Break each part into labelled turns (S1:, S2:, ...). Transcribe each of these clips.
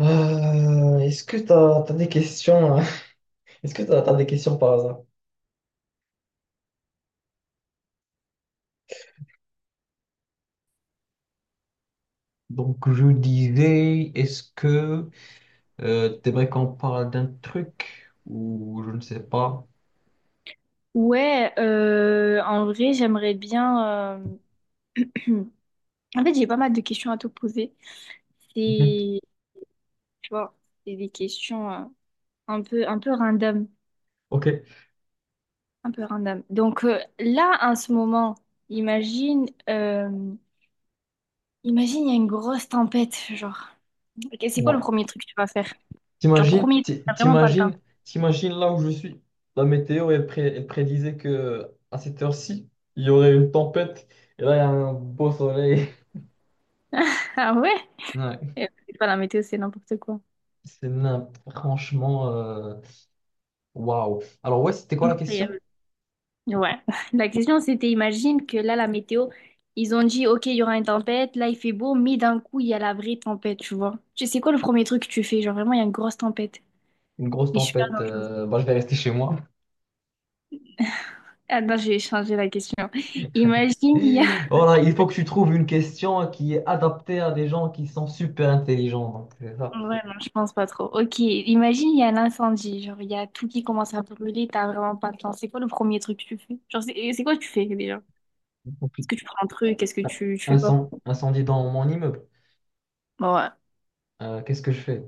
S1: Est-ce que t'as des questions? Hein. Est-ce que t'as des questions par hasard? Donc, je disais, est-ce que t'aimerais qu'on parle d'un truc ou je ne sais pas?
S2: Ouais, en vrai, j'aimerais bien. En fait, j'ai pas mal de questions à te poser.
S1: Mhm.
S2: C'est, tu vois, c'est des questions un peu random,
S1: Ok.
S2: un peu random. Donc là, en ce moment, imagine, imagine, il y a une grosse tempête, genre. Ok, c'est quoi le
S1: Ouais.
S2: premier truc que tu vas faire? Genre
S1: T'imagines,
S2: premier, t'as vraiment pas le temps.
S1: t'imagines, t'imagines là où je suis. La météo, elle, elle prédisait que à cette heure-ci, il y aurait une tempête. Et là, il y a un beau soleil.
S2: Ah ouais?
S1: Ouais.
S2: C'est pas la météo, c'est n'importe quoi.
S1: Franchement, waouh. Alors, ouais, c'était quoi la question?
S2: Ouais. La question, c'était, imagine que là, la météo, ils ont dit, OK, il y aura une tempête, là, il fait beau, mais d'un coup, il y a la vraie tempête, tu vois. Tu sais quoi le premier truc que tu fais? Genre, vraiment, il y a une grosse tempête.
S1: Une grosse
S2: Et super
S1: tempête.
S2: dangereuse.
S1: Bah, je vais rester chez moi.
S2: Ah non, j'ai changé la question. Imagine, il y a...
S1: Voilà, il faut que tu trouves une question qui est adaptée à des gens qui sont super intelligents. Donc, c'est ça.
S2: Ouais, non, je pense pas trop. OK, imagine, il y a un incendie. Genre, il y a tout qui commence à brûler, t'as vraiment pas de temps. C'est quoi le premier truc que tu fais? Genre, c'est et c'est quoi que tu fais, déjà?
S1: Donc,
S2: Est-ce que tu prends un truc? Est-ce que tu fais quoi?
S1: incendie dans mon immeuble.
S2: Ouais.
S1: Qu'est-ce que je fais?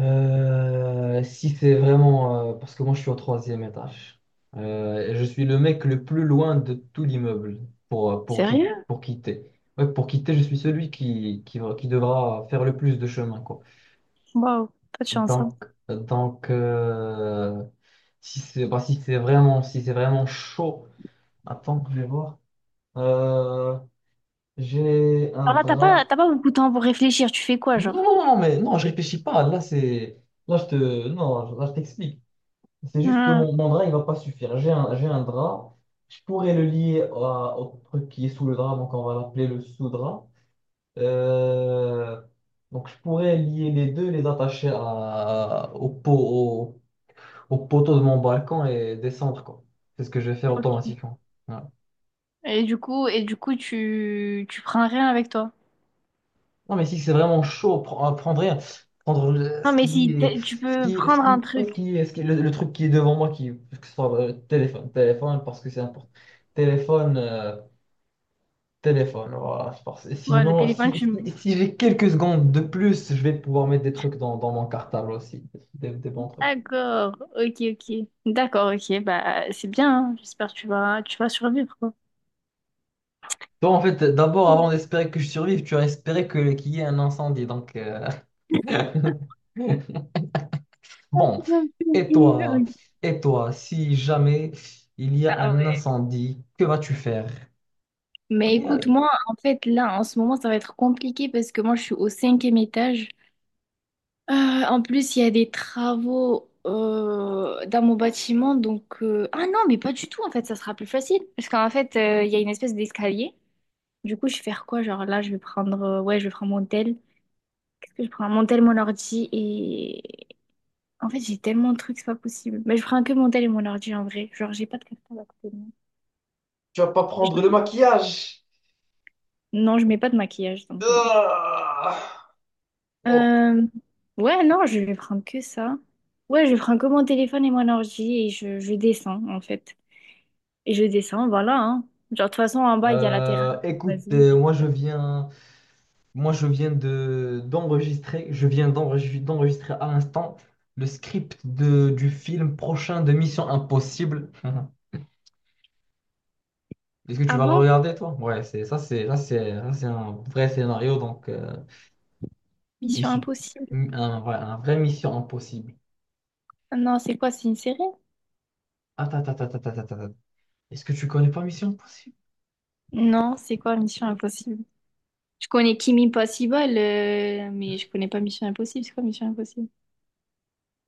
S1: Si c'est vraiment... parce que moi, je suis au troisième étage. Et je suis le mec le plus loin de tout l'immeuble pour,
S2: Sérieux?
S1: pour quitter. Ouais, pour quitter, je suis celui qui devra faire le plus de chemin, quoi.
S2: Waouh, pas de chance, hein.
S1: Donc, si c'est bah, si c'est vraiment, si c'est vraiment chaud, attends que je vais voir. Euh, j'ai un
S2: Alors là,
S1: drap.
S2: t'as pas beaucoup de temps pour réfléchir. Tu fais quoi,
S1: Non, non,
S2: genre?
S1: non, non, mais non, je réfléchis pas. Là, c'est. Là, je te. Non, là, je t'explique. C'est juste que
S2: Hmm.
S1: mon drap, il va pas suffire. J'ai un drap. Je pourrais le lier au truc qui est sous le drap, donc on va l'appeler le sous-drap. Euh, donc, je pourrais lier les deux, les attacher à, au poteau de mon balcon et descendre, quoi. C'est ce que je vais faire
S2: Ok.
S1: automatiquement. Voilà.
S2: Et du coup, tu prends rien avec toi.
S1: Non, mais si c'est vraiment chaud, prendre rien.
S2: Non,
S1: Ce
S2: mais
S1: qui
S2: si
S1: est,
S2: tu peux prendre un
S1: ouais,
S2: truc.
S1: ce qui est- le truc qui est devant moi, qui, que ce soit téléphone, parce que c'est important. Téléphone, voilà. Je pense. Et
S2: Voilà, le
S1: sinon,
S2: téléphone,
S1: si,
S2: tu le
S1: si,
S2: mets.
S1: si j'ai quelques secondes de plus, je vais pouvoir mettre des trucs dans mon cartable aussi, des bons trucs.
S2: D'accord. Ok, ok. D'accord, ok. Bah, c'est bien, hein. J'espère que tu vas survivre, quoi.
S1: Toi, en fait, d'abord, avant d'espérer que je survive, tu as espéré que, qu'il y ait un incendie, donc... Bon, Et toi, et toi, si jamais il y a
S2: Ah
S1: un
S2: ouais.
S1: incendie, que vas-tu faire?
S2: Mais
S1: Aïe,
S2: écoute,
S1: aïe.
S2: moi, en fait, là, en ce moment, ça va être compliqué parce que moi, je suis au cinquième étage. En plus, il y a des travaux dans mon bâtiment, donc... Ah non, mais pas du tout, en fait, ça sera plus facile. Parce qu'en fait, il y a une espèce d'escalier. Du coup, je vais faire quoi? Genre là, je vais prendre... Ouais, je vais prendre mon tel. Qu'est-ce que je prends? Mon tel, mon ordi et... En fait, j'ai tellement de trucs, c'est pas possible. Mais je prends que mon tel et mon ordi, en vrai. Genre, j'ai pas de cartable à côté de moi.
S1: Tu vas pas prendre
S2: Je-
S1: le maquillage.
S2: Non, je mets pas de maquillage, donc non.
S1: Ah.
S2: Euh, Ouais, non, je vais prendre que ça. Ouais, je prends que mon téléphone et mon ordi et je descends, en fait. Et je descends, voilà, hein. Genre, de toute façon, en bas, il y a la terrasse.
S1: Écoute,
S2: Vas-y.
S1: moi je viens de d'enregistrer, je viens d'enregistrer à l'instant le script de, du film prochain de Mission Impossible. Est-ce que tu vas le
S2: Avant,
S1: regarder toi? Ouais, c'est ça, c'est un vrai scénario donc
S2: Mission
S1: issu
S2: Impossible.
S1: un vrai Mission Impossible.
S2: Non, c'est quoi? C'est une série?
S1: Attends. Attends. Est-ce que tu connais pas Mission Impossible?
S2: Non, c'est quoi Mission Impossible? Je connais Kimi Possible, mais je connais pas Mission Impossible. C'est quoi Mission Impossible?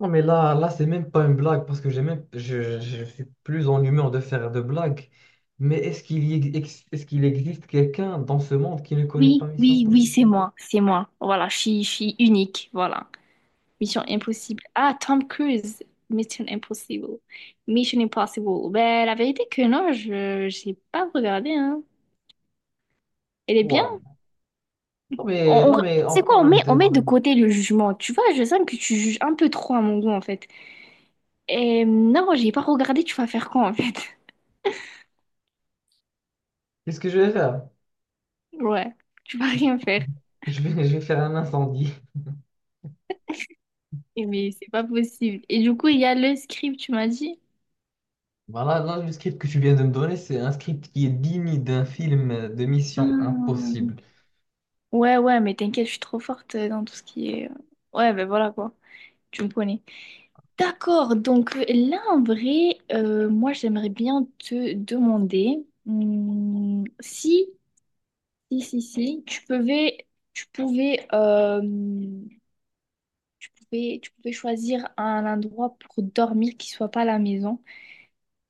S1: Non, mais là, là, c'est même pas une blague parce que j'ai même, je suis plus en humeur de faire de blagues. Mais est-ce qu'il existe quelqu'un dans ce monde qui ne connaît pas
S2: Oui,
S1: Mission
S2: oui, oui,
S1: Impossible?
S2: c'est moi. C'est moi. Voilà, je suis unique. Voilà. Mission Impossible. Ah, Tom Cruise. Mission Impossible. Mission Impossible. Ben, la vérité que non, je j'ai pas regardé, hein. Elle est bien?
S1: Waouh. Non, mais,
S2: On, on-
S1: non, mais on
S2: c'est quoi,
S1: parle
S2: on
S1: de.
S2: met de côté le jugement. Tu vois, je sens que tu juges un peu trop à mon goût, en fait. Et non, j'ai pas regardé, tu vas faire quoi, en fait?
S1: Qu'est-ce que je vais faire?
S2: Ouais, tu vas
S1: Je,
S2: rien faire.
S1: je vais faire un incendie.
S2: Et mais c'est pas possible. Et du coup, il y a le script, tu m'as dit?
S1: Voilà, là, le script que tu viens de me donner, c'est un script qui est digne d'un film de Mission
S2: Hmm.
S1: Impossible.
S2: Ouais, ouais, mais t'inquiète, je suis trop forte dans tout ce qui est... Ouais, ben voilà, quoi. Tu me connais. D'accord, donc là, en vrai, moi, j'aimerais bien te demander hmm, si... si, tu pouvais, tu pouvais, tu pouvais, tu pouvais choisir un endroit pour dormir qui soit pas la maison.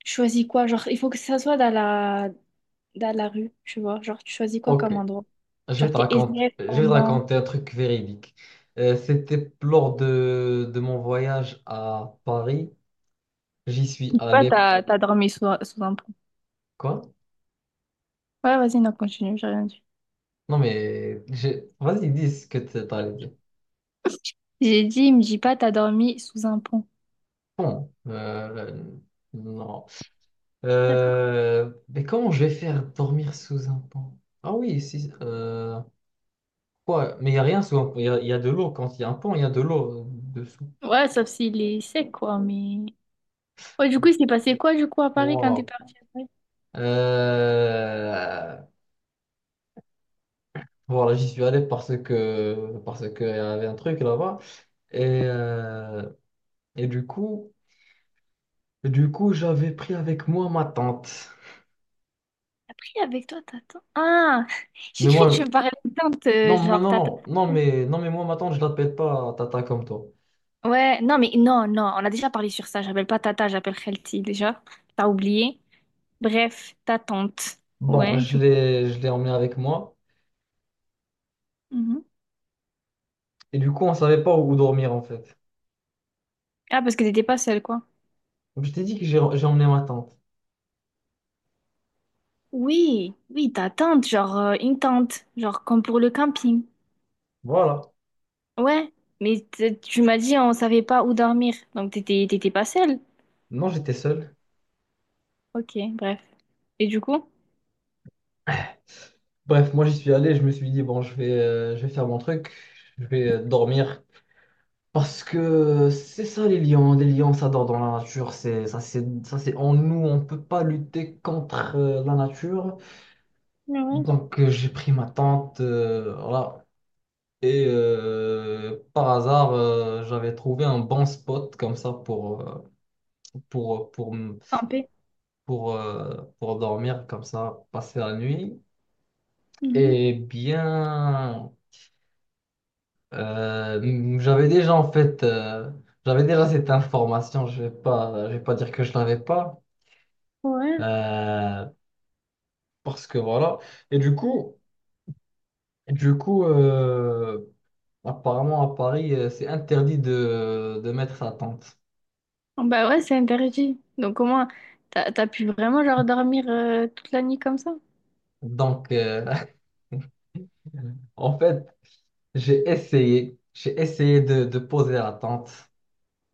S2: Tu choisis quoi? Genre, il faut que ça soit dans la rue, tu vois. Genre, tu choisis quoi
S1: Ok.
S2: comme endroit? Genre, t'es SDF
S1: Je vais te
S2: pendant...
S1: raconter un truc véridique. C'était lors de mon voyage à Paris. J'y suis
S2: Je dis pas,
S1: allé.
S2: t'as dormi sous un pont.
S1: Quoi?
S2: Ouais, vas-y, non, continue, j'ai rien dit.
S1: Non, mais vas-y, dis ce que tu allé dire.
S2: J'ai dit, il me dit pas, t'as dormi sous un pont.
S1: Bon, non.
S2: D'accord.
S1: Mais comment je vais faire dormir sous un pont? Ah oui, si. Euh, quoi? Mais il n'y a rien sous un pont. Il y a de l'eau. Quand il y a un pont, il y a de l'eau dessous.
S2: Ouais, sauf s'il est sec, quoi, mais... Ouais, du coup, il s'est passé quoi, du coup, à Paris quand t'es
S1: Wow.
S2: parti?
S1: Euh, voilà, j'y suis allé parce qu'il y avait un truc là-bas. Et, et du coup, j'avais pris avec moi ma tante.
S2: Après, avec toi, t'attends. Ah, j'ai
S1: Mais
S2: cru
S1: moi,
S2: que tu me parlais de teinte,
S1: non, moi,
S2: genre
S1: non, non,
S2: tata.
S1: non, mais non, mais moi, ma tante, je l'appelle pas Tata comme toi.
S2: Ouais, non, mais non, non, on a déjà parlé sur ça. J'appelle pas tata, j'appelle Khelti déjà. T'as oublié. Bref, ta tante.
S1: Bon,
S2: Ouais, du coup.
S1: je l'ai emmenée avec moi.
S2: Mhm.
S1: Et du coup, on savait pas où dormir en fait.
S2: Ah, parce que t'étais pas seule, quoi.
S1: Donc je t'ai dit que j'ai emmené ma tante.
S2: Oui, oui, ta tante, genre une tente, genre comme pour le camping.
S1: Voilà.
S2: Ouais, mais tu m'as dit on savait pas où dormir, donc t'étais pas seule.
S1: Non, j'étais seul.
S2: Ok, bref. Et du coup?
S1: Bref, moi j'y suis allé, je me suis dit, bon, je vais faire mon truc, je vais dormir. Parce que c'est ça les lions ça dort dans la nature, c'est en nous, on peut pas lutter contre la nature.
S2: Ouais,
S1: Donc j'ai pris ma tente, voilà. Et par hasard, j'avais trouvé un bon spot comme ça pour pour pour m-
S2: campé.
S1: pour dormir comme ça, passer la nuit.
S2: Mhm.
S1: Et bien, euh, j'avais déjà en fait, euh, j'avais déjà cette information. Je vais pas dire que je l'avais pas.
S2: Ouais.
S1: Euh, parce que voilà. Et du coup, apparemment à Paris, c'est interdit de mettre sa tente.
S2: Ah bah ouais, c'est interdit. Donc au moins, t'as pu vraiment genre dormir toute la nuit comme ça?
S1: Donc, en fait, j'ai essayé. J'ai essayé de poser la tente.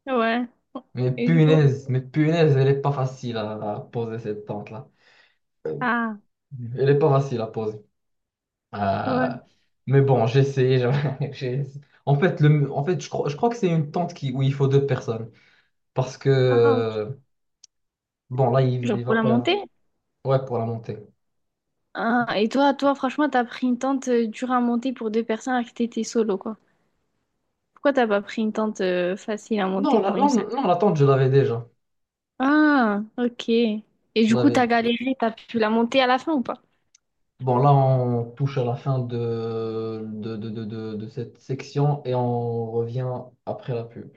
S2: Ouais. Et du coup?
S1: Mais punaise, elle est pas facile à poser cette tente-là.
S2: Ah,
S1: Elle est pas facile à poser. Euh,
S2: ouais.
S1: mais bon, j'ai essayé. En fait, en fait je crois que c'est une tente qui, où il faut deux personnes. Parce
S2: Ah, ok.
S1: que. Bon, là,
S2: Genre
S1: il
S2: pour
S1: va
S2: la
S1: pas y avoir.
S2: montée?
S1: Ouais, pour la montée.
S2: Ah, et toi, toi, franchement, t'as pris une tente dure à monter pour deux personnes alors que t'étais solo, quoi. Pourquoi t'as pas pris une tente facile à
S1: Non,
S2: monter pour une seule?
S1: non, l'attente, je l'avais déjà.
S2: Ah, ok. Et
S1: Je
S2: du coup, t'as
S1: l'avais.
S2: galéré, t'as pu la monter à la fin ou pas?
S1: Bon, là, on touche à la fin de cette section et on revient après la pub.